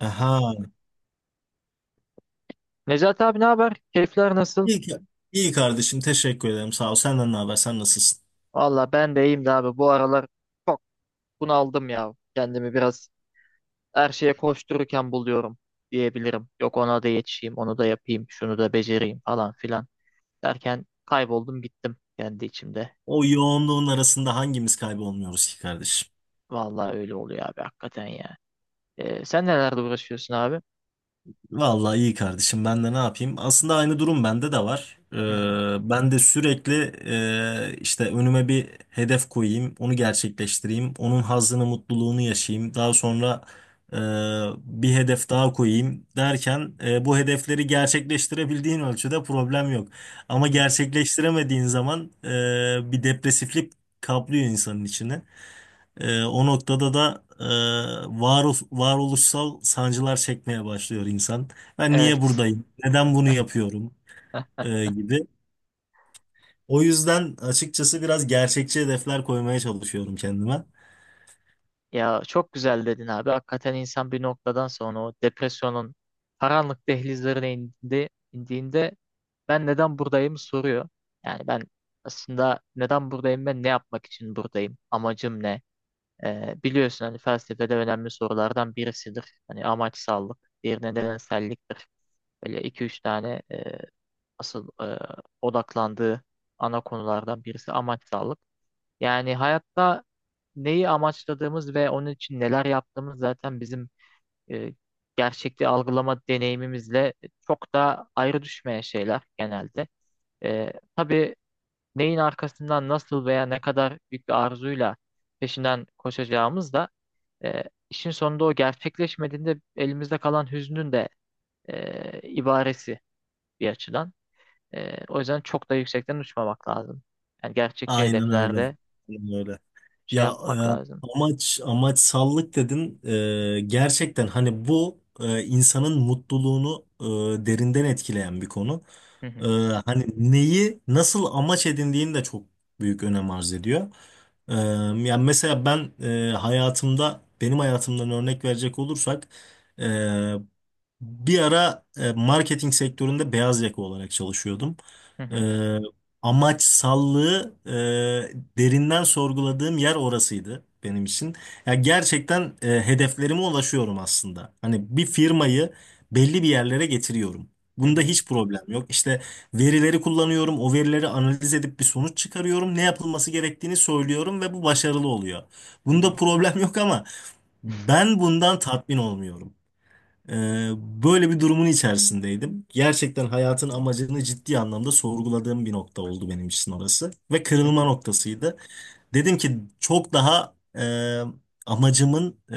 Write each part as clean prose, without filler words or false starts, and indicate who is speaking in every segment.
Speaker 1: Aha.
Speaker 2: Necati abi, ne haber? Keyifler nasıl?
Speaker 1: İyi, iyi kardeşim teşekkür ederim sağ ol. Senden ne haber, sen nasılsın?
Speaker 2: Valla ben de iyiyim de abi. Bu aralar çok bunaldım ya. Kendimi biraz her şeye koştururken buluyorum diyebilirim. Yok ona da yetişeyim, onu da yapayım, şunu da becereyim falan filan derken kayboldum gittim kendi içimde.
Speaker 1: O yoğunluğun arasında hangimiz kaybolmuyoruz ki kardeşim?
Speaker 2: Valla öyle oluyor abi, hakikaten ya. Sen nelerle uğraşıyorsun abi?
Speaker 1: Vallahi iyi kardeşim, ben de ne yapayım? Aslında aynı durum bende de var.
Speaker 2: Hı hı,
Speaker 1: Ben de sürekli işte önüme bir hedef koyayım, onu gerçekleştireyim, onun hazzını, mutluluğunu yaşayayım. Daha sonra e, bir hedef daha koyayım derken bu hedefleri gerçekleştirebildiğin ölçüde problem yok.
Speaker 2: hı
Speaker 1: Ama
Speaker 2: hı.
Speaker 1: gerçekleştiremediğin zaman bir depresiflik kaplıyor insanın içine. O noktada da varoluş, varoluşsal sancılar çekmeye başlıyor insan. Ben niye
Speaker 2: Evet.
Speaker 1: buradayım? Neden bunu yapıyorum? Gibi. O yüzden açıkçası biraz gerçekçi hedefler koymaya çalışıyorum kendime.
Speaker 2: Ya çok güzel dedin abi. Hakikaten insan bir noktadan sonra o depresyonun karanlık dehlizlerine indi, indiğinde ben neden buradayım soruyor. Yani ben aslında neden buradayım, ben ne yapmak için buradayım? Amacım ne? Biliyorsun hani felsefede önemli sorulardan birisidir. Hani amaçsallık bir nedenselliktir. Böyle iki üç tane asıl odaklandığı ana konulardan birisi amaçsallık. Yani hayatta neyi amaçladığımız ve onun için neler yaptığımız zaten bizim e, gerçekliği algılama deneyimimizle çok da ayrı düşmeyen şeyler genelde. Tabii neyin arkasından nasıl veya ne kadar büyük bir arzuyla peşinden koşacağımız da e, işin sonunda o gerçekleşmediğinde elimizde kalan hüznün de ibaresi bir açıdan. O yüzden çok da yüksekten uçmamak lazım. Yani gerçekçi
Speaker 1: Aynen öyle.
Speaker 2: hedeflerde
Speaker 1: Aynen öyle.
Speaker 2: şey
Speaker 1: Ya
Speaker 2: yapmak lazım.
Speaker 1: amaç amaçsallık dedin. Gerçekten hani bu insanın mutluluğunu derinden etkileyen bir konu.
Speaker 2: Hı
Speaker 1: E,
Speaker 2: hı,
Speaker 1: hani neyi nasıl amaç edindiğini de çok büyük önem arz ediyor. E, yani mesela ben e, hayatımda benim hayatımdan örnek verecek olursak e, bir ara marketing sektöründe beyaz yaka olarak çalışıyordum.
Speaker 2: hı hı,
Speaker 1: E, amaçsallığı derinden sorguladığım yer orasıydı benim için. Ya gerçekten hedeflerime ulaşıyorum aslında. Hani bir firmayı belli bir yerlere getiriyorum.
Speaker 2: hı
Speaker 1: Bunda
Speaker 2: hı,
Speaker 1: hiç problem yok. İşte verileri kullanıyorum, o verileri analiz edip bir sonuç çıkarıyorum, ne yapılması gerektiğini söylüyorum ve bu başarılı oluyor.
Speaker 2: hı
Speaker 1: Bunda
Speaker 2: hı,
Speaker 1: problem yok ama ben bundan tatmin olmuyorum. Ee, böyle bir durumun içerisindeydim. Gerçekten hayatın amacını ciddi anlamda sorguladığım bir nokta oldu benim için orası. Ve
Speaker 2: hı
Speaker 1: kırılma
Speaker 2: hı,
Speaker 1: noktasıydı. Dedim ki çok daha amacımın e,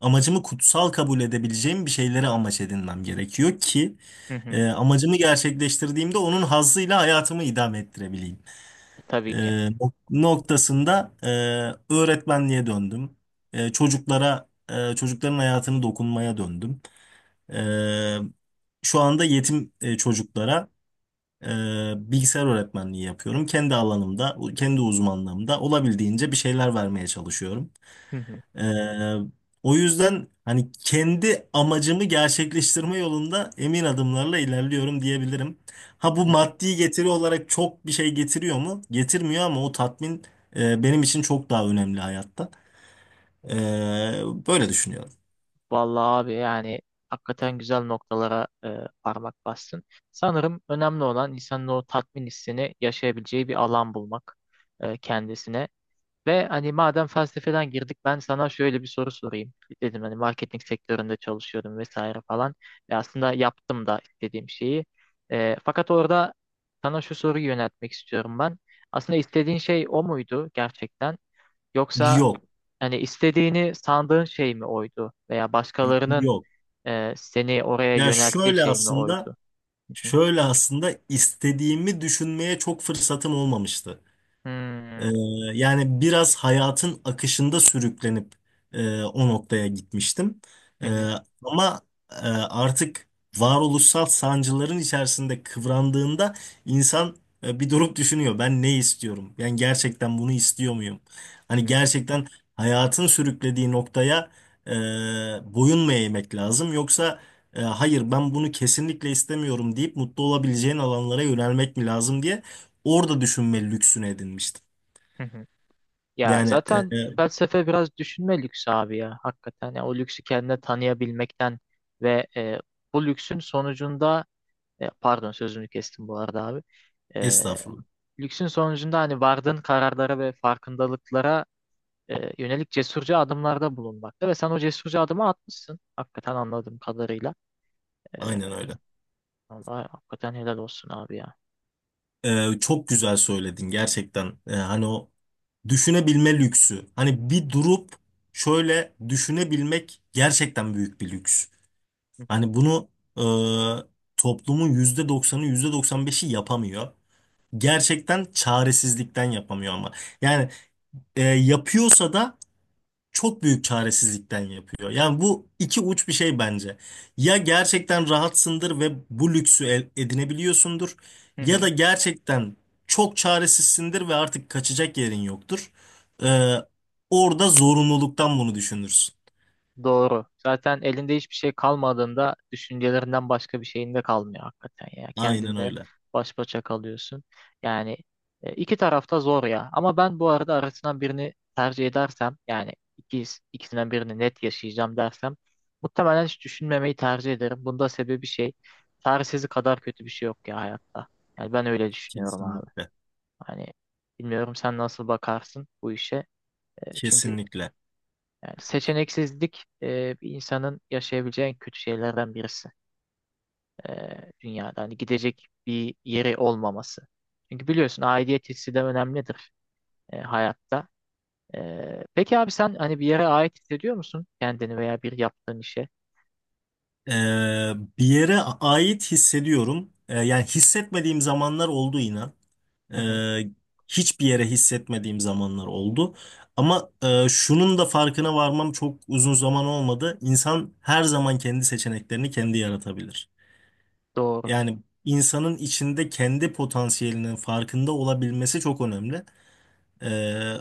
Speaker 1: amacımı kutsal kabul edebileceğim bir şeylere amaç edinmem gerekiyor ki
Speaker 2: hı hı.
Speaker 1: amacımı gerçekleştirdiğimde onun hazzıyla hayatımı idame ettirebileyim. E,
Speaker 2: Tabii ki.
Speaker 1: noktasında öğretmenliğe döndüm. Çocukların hayatını dokunmaya döndüm. Ee, şu anda yetim çocuklara e, bilgisayar öğretmenliği yapıyorum. Kendi alanımda, kendi uzmanlığımda olabildiğince bir şeyler vermeye çalışıyorum.
Speaker 2: Hı hı,
Speaker 1: Ee, o yüzden hani kendi amacımı gerçekleştirme yolunda emin adımlarla ilerliyorum diyebilirim. Ha, bu
Speaker 2: hı hı.
Speaker 1: maddi getiri olarak çok bir şey getiriyor mu? Getirmiyor ama o tatmin benim için çok daha önemli hayatta. Böyle düşünüyorum.
Speaker 2: Vallahi abi, yani hakikaten güzel noktalara parmak bastın. Sanırım önemli olan insanın o tatmin hissini yaşayabileceği bir alan bulmak kendisine. Ve hani madem felsefeden girdik, ben sana şöyle bir soru sorayım. Dedim hani marketing sektöründe çalışıyordum vesaire falan. Ve aslında yaptım da istediğim şeyi. Fakat orada sana şu soruyu yöneltmek istiyorum ben. Aslında istediğin şey o muydu gerçekten? Yoksa
Speaker 1: Yok,
Speaker 2: hani istediğini sandığın şey mi oydu? Veya başkalarının
Speaker 1: yok.
Speaker 2: seni oraya
Speaker 1: Ya
Speaker 2: yönelttiği
Speaker 1: şöyle
Speaker 2: şey mi
Speaker 1: aslında.
Speaker 2: oydu? Hı hı.
Speaker 1: Şöyle aslında istediğimi düşünmeye çok fırsatım olmamıştı. Ee,
Speaker 2: Hmm,
Speaker 1: yani biraz hayatın akışında sürüklenip o noktaya gitmiştim.
Speaker 2: hı hı,
Speaker 1: Ee, ama artık varoluşsal sancıların içerisinde kıvrandığında insan bir durup düşünüyor. Ben ne istiyorum? Ben gerçekten bunu istiyor muyum?
Speaker 2: hı
Speaker 1: Hani
Speaker 2: hı,
Speaker 1: gerçekten hayatın sürüklediği noktaya e, boyun mu eğmek lazım? Yoksa hayır ben bunu kesinlikle istemiyorum deyip mutlu olabileceğin alanlara yönelmek mi lazım diye orada düşünme lüksünü edinmiştim.
Speaker 2: hı hı. Ya
Speaker 1: Yani
Speaker 2: zaten felsefe biraz düşünme lüksü abi ya. Hakikaten ya o lüksü kendine tanıyabilmekten ve bu lüksün sonucunda pardon, sözünü kestim bu arada abi. E,
Speaker 1: estağfurullah.
Speaker 2: Lüksün sonucunda hani vardığın kararlara ve farkındalıklara yönelik cesurca adımlarda bulunmakta, ve sen o cesurca adımı atmışsın. Hakikaten anladığım kadarıyla. E,
Speaker 1: Aynen öyle.
Speaker 2: Vallahi hakikaten helal olsun abi ya.
Speaker 1: Çok güzel söyledin gerçekten. Hani o düşünebilme lüksü. Hani bir durup şöyle düşünebilmek gerçekten büyük bir lüks. Hani bunu e, toplumun %90'ı, yüzde doksan beşi yapamıyor. Gerçekten çaresizlikten yapamıyor ama. Yani yapıyorsa da çok büyük çaresizlikten yapıyor. Yani bu iki uç bir şey bence. Ya gerçekten rahatsındır ve bu lüksü edinebiliyorsundur
Speaker 2: Hı hı.
Speaker 1: ya da gerçekten çok çaresizsindir ve artık kaçacak yerin yoktur. Ee, orada zorunluluktan bunu düşünürsün.
Speaker 2: Doğru. Zaten elinde hiçbir şey kalmadığında düşüncelerinden başka bir şeyin de kalmıyor hakikaten ya.
Speaker 1: Aynen
Speaker 2: Kendinle
Speaker 1: öyle.
Speaker 2: baş başa kalıyorsun. Yani iki tarafta zor ya. Ama ben bu arada arasından birini tercih edersem, yani ikisinden birini net yaşayacağım dersem muhtemelen hiç düşünmemeyi tercih ederim. Bunda sebebi şey, çaresizlik kadar kötü bir şey yok ya hayatta. Yani ben öyle düşünüyorum abi.
Speaker 1: Kesinlikle.
Speaker 2: Hani bilmiyorum sen nasıl bakarsın bu işe. Çünkü
Speaker 1: Kesinlikle.
Speaker 2: yani seçeneksizlik bir insanın yaşayabileceği en kötü şeylerden birisi dünyada. Hani gidecek bir yeri olmaması. Çünkü biliyorsun aidiyet hissi de önemlidir hayatta. Peki abi, sen hani bir yere ait hissediyor musun kendini veya bir yaptığın işe?
Speaker 1: Ee, bir yere ait hissediyorum. Yani hissetmediğim zamanlar oldu inan.
Speaker 2: Hı hı,
Speaker 1: Ee, hiçbir yere hissetmediğim zamanlar oldu. Ama şunun da farkına varmam çok uzun zaman olmadı. İnsan her zaman kendi seçeneklerini kendi yaratabilir.
Speaker 2: doğru.
Speaker 1: Yani insanın içinde kendi potansiyelinin farkında olabilmesi çok önemli. Ee,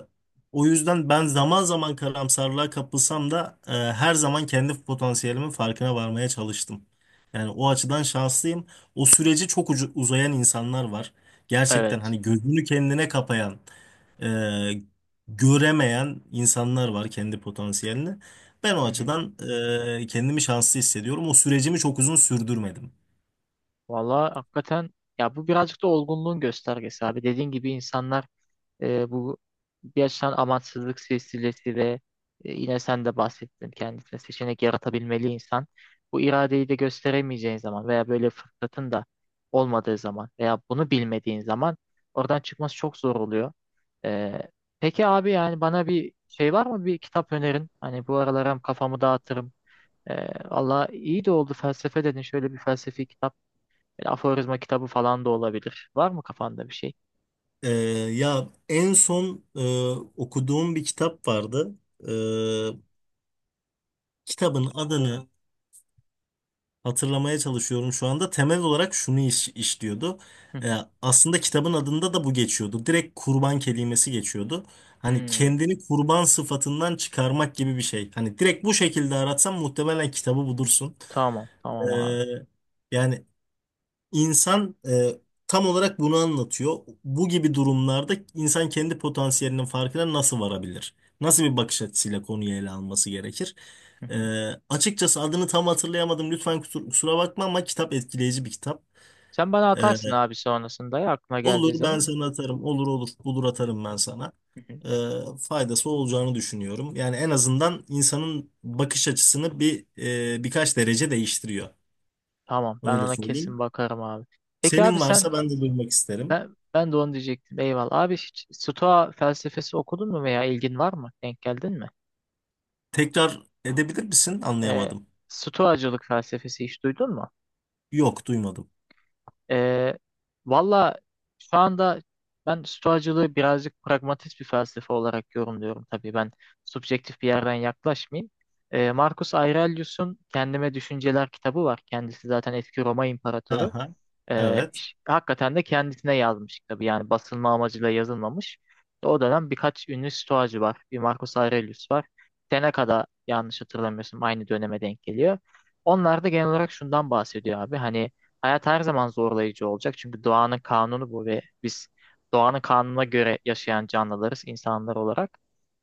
Speaker 1: o yüzden ben zaman zaman karamsarlığa kapılsam da her zaman kendi potansiyelimin farkına varmaya çalıştım. Yani o açıdan şanslıyım. O süreci çok uzayan insanlar var. Gerçekten
Speaker 2: Evet.
Speaker 1: hani gözünü kendine kapayan, e, göremeyen insanlar var kendi potansiyelini. Ben o
Speaker 2: Hı hı.
Speaker 1: açıdan kendimi şanslı hissediyorum. O sürecimi çok uzun sürdürmedim.
Speaker 2: Valla hakikaten ya, bu birazcık da olgunluğun göstergesi abi. Dediğin gibi insanlar bu yaşanan amansızlık silsilesi ve yine sen de bahsettin, kendisine seçenek yaratabilmeli insan. Bu iradeyi de gösteremeyeceğin zaman veya böyle fırsatın da olmadığı zaman veya bunu bilmediğin zaman oradan çıkması çok zor oluyor. E, peki abi, yani bana bir şey var mı, bir kitap önerin? Hani bu aralar hem kafamı dağıtırım. E, Valla iyi de oldu, felsefe dedin, şöyle bir felsefi kitap. Böyle aforizma kitabı falan da olabilir. Var mı kafanda bir şey?
Speaker 1: Ee, ya en son okuduğum bir kitap vardı. Kitabın adını hatırlamaya çalışıyorum şu anda. Temel olarak şunu işliyordu.
Speaker 2: Hı
Speaker 1: Ee,
Speaker 2: hı.
Speaker 1: aslında kitabın adında da bu geçiyordu. Direkt kurban kelimesi geçiyordu. Hani
Speaker 2: Hmm,
Speaker 1: kendini kurban sıfatından çıkarmak gibi bir şey. Hani direkt bu şekilde aratsan muhtemelen kitabı bulursun.
Speaker 2: tamam tamam abi.
Speaker 1: Ee, yani İnsan tam olarak bunu anlatıyor. Bu gibi durumlarda insan kendi potansiyelinin farkına nasıl varabilir? Nasıl bir bakış açısıyla konuyu ele alması gerekir?
Speaker 2: Hı
Speaker 1: E,
Speaker 2: hı.
Speaker 1: açıkçası adını tam hatırlayamadım. Lütfen kusura bakma ama kitap etkileyici bir kitap.
Speaker 2: Sen bana
Speaker 1: E,
Speaker 2: atarsın abi sonrasında ya, aklına geldiği
Speaker 1: olur ben
Speaker 2: zaman.
Speaker 1: sana atarım. Olur olur, bulur
Speaker 2: Hı
Speaker 1: atarım ben sana.
Speaker 2: hı, hı hı.
Speaker 1: E, faydası olacağını düşünüyorum. Yani en azından insanın bakış açısını birkaç derece değiştiriyor.
Speaker 2: Tamam, ben
Speaker 1: Öyle
Speaker 2: ona
Speaker 1: söyleyeyim.
Speaker 2: kesin bakarım abi. Peki abi
Speaker 1: Senin
Speaker 2: sen,
Speaker 1: varsa ben de duymak isterim.
Speaker 2: ben de onu diyecektim. Eyvallah. Abi, hiç Stoa felsefesi okudun mu veya ilgin var mı? Denk geldin mi?
Speaker 1: Tekrar edebilir misin?
Speaker 2: Ee,
Speaker 1: Anlayamadım.
Speaker 2: Stoacılık felsefesi hiç duydun mu?
Speaker 1: Yok, duymadım.
Speaker 2: Ee, Valla şu anda ben Stoacılığı birazcık pragmatist bir felsefe olarak yorumluyorum. Tabii ben subjektif bir yerden yaklaşmayayım. Marcus Aurelius'un Kendime Düşünceler kitabı var. Kendisi zaten eski Roma imparatoru.
Speaker 1: Aha, evet.
Speaker 2: Hakikaten de kendisine yazmış, tabii yani basılma amacıyla yazılmamış. O dönem birkaç ünlü stoacı var. Bir Marcus Aurelius var. Seneca'da yanlış hatırlamıyorsun, aynı döneme denk geliyor. Onlar da genel olarak şundan bahsediyor abi. Hani hayat her zaman zorlayıcı olacak. Çünkü doğanın kanunu bu ve biz doğanın kanununa göre yaşayan canlılarız insanlar olarak.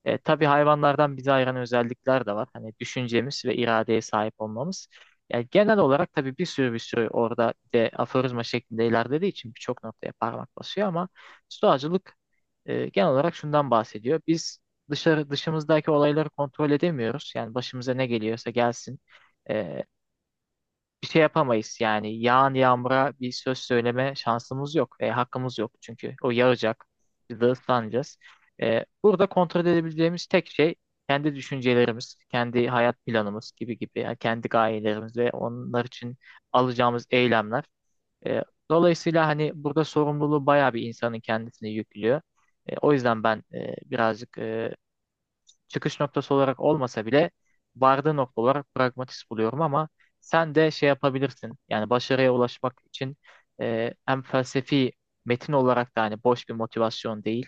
Speaker 2: Tabii hayvanlardan bizi ayıran özellikler de var. Hani düşüncemiz ve iradeye sahip olmamız. Yani genel olarak tabii bir sürü orada, bir de aforizma şeklinde ilerlediği için birçok noktaya parmak basıyor, ama stoacılık genel olarak şundan bahsediyor. Biz dışımızdaki olayları kontrol edemiyoruz. Yani başımıza ne geliyorsa gelsin. E, Bir şey yapamayız. Yani yağan yağmura bir söz söyleme şansımız yok ve hakkımız yok. Çünkü o yağacak. Biz de ıslanacağız. Burada kontrol edebileceğimiz tek şey kendi düşüncelerimiz, kendi hayat planımız, gibi gibi. Yani kendi gayelerimiz ve onlar için alacağımız eylemler. E, Dolayısıyla hani burada sorumluluğu bayağı bir insanın kendisine yüklüyor. O yüzden ben birazcık çıkış noktası olarak olmasa bile vardığı nokta olarak pragmatist buluyorum, ama sen de şey yapabilirsin. Yani başarıya ulaşmak için hem felsefi metin olarak da hani boş bir motivasyon değil.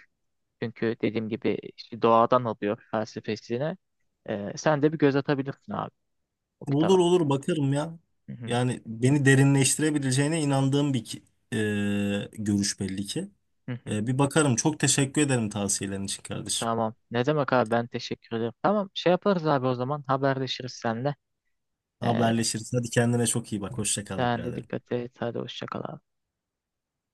Speaker 2: Çünkü dediğim gibi işte doğadan alıyor felsefesini. Sen de bir göz atabilirsin abi, o
Speaker 1: Olur
Speaker 2: kitaba.
Speaker 1: olur bakarım ya.
Speaker 2: Hı hı,
Speaker 1: Yani beni derinleştirebileceğine inandığım bir e, görüş belli ki.
Speaker 2: hı hı.
Speaker 1: Bir bakarım. Çok teşekkür ederim tavsiyelerin için kardeşim.
Speaker 2: Tamam. Ne demek abi, ben teşekkür ederim. Tamam, şey yaparız abi o zaman, haberleşiriz seninle. E,
Speaker 1: Haberleşiriz. Hadi kendine çok iyi bak. Hoşça kal
Speaker 2: Sen de
Speaker 1: biraderim.
Speaker 2: dikkat et. Hadi hoşça kal abi.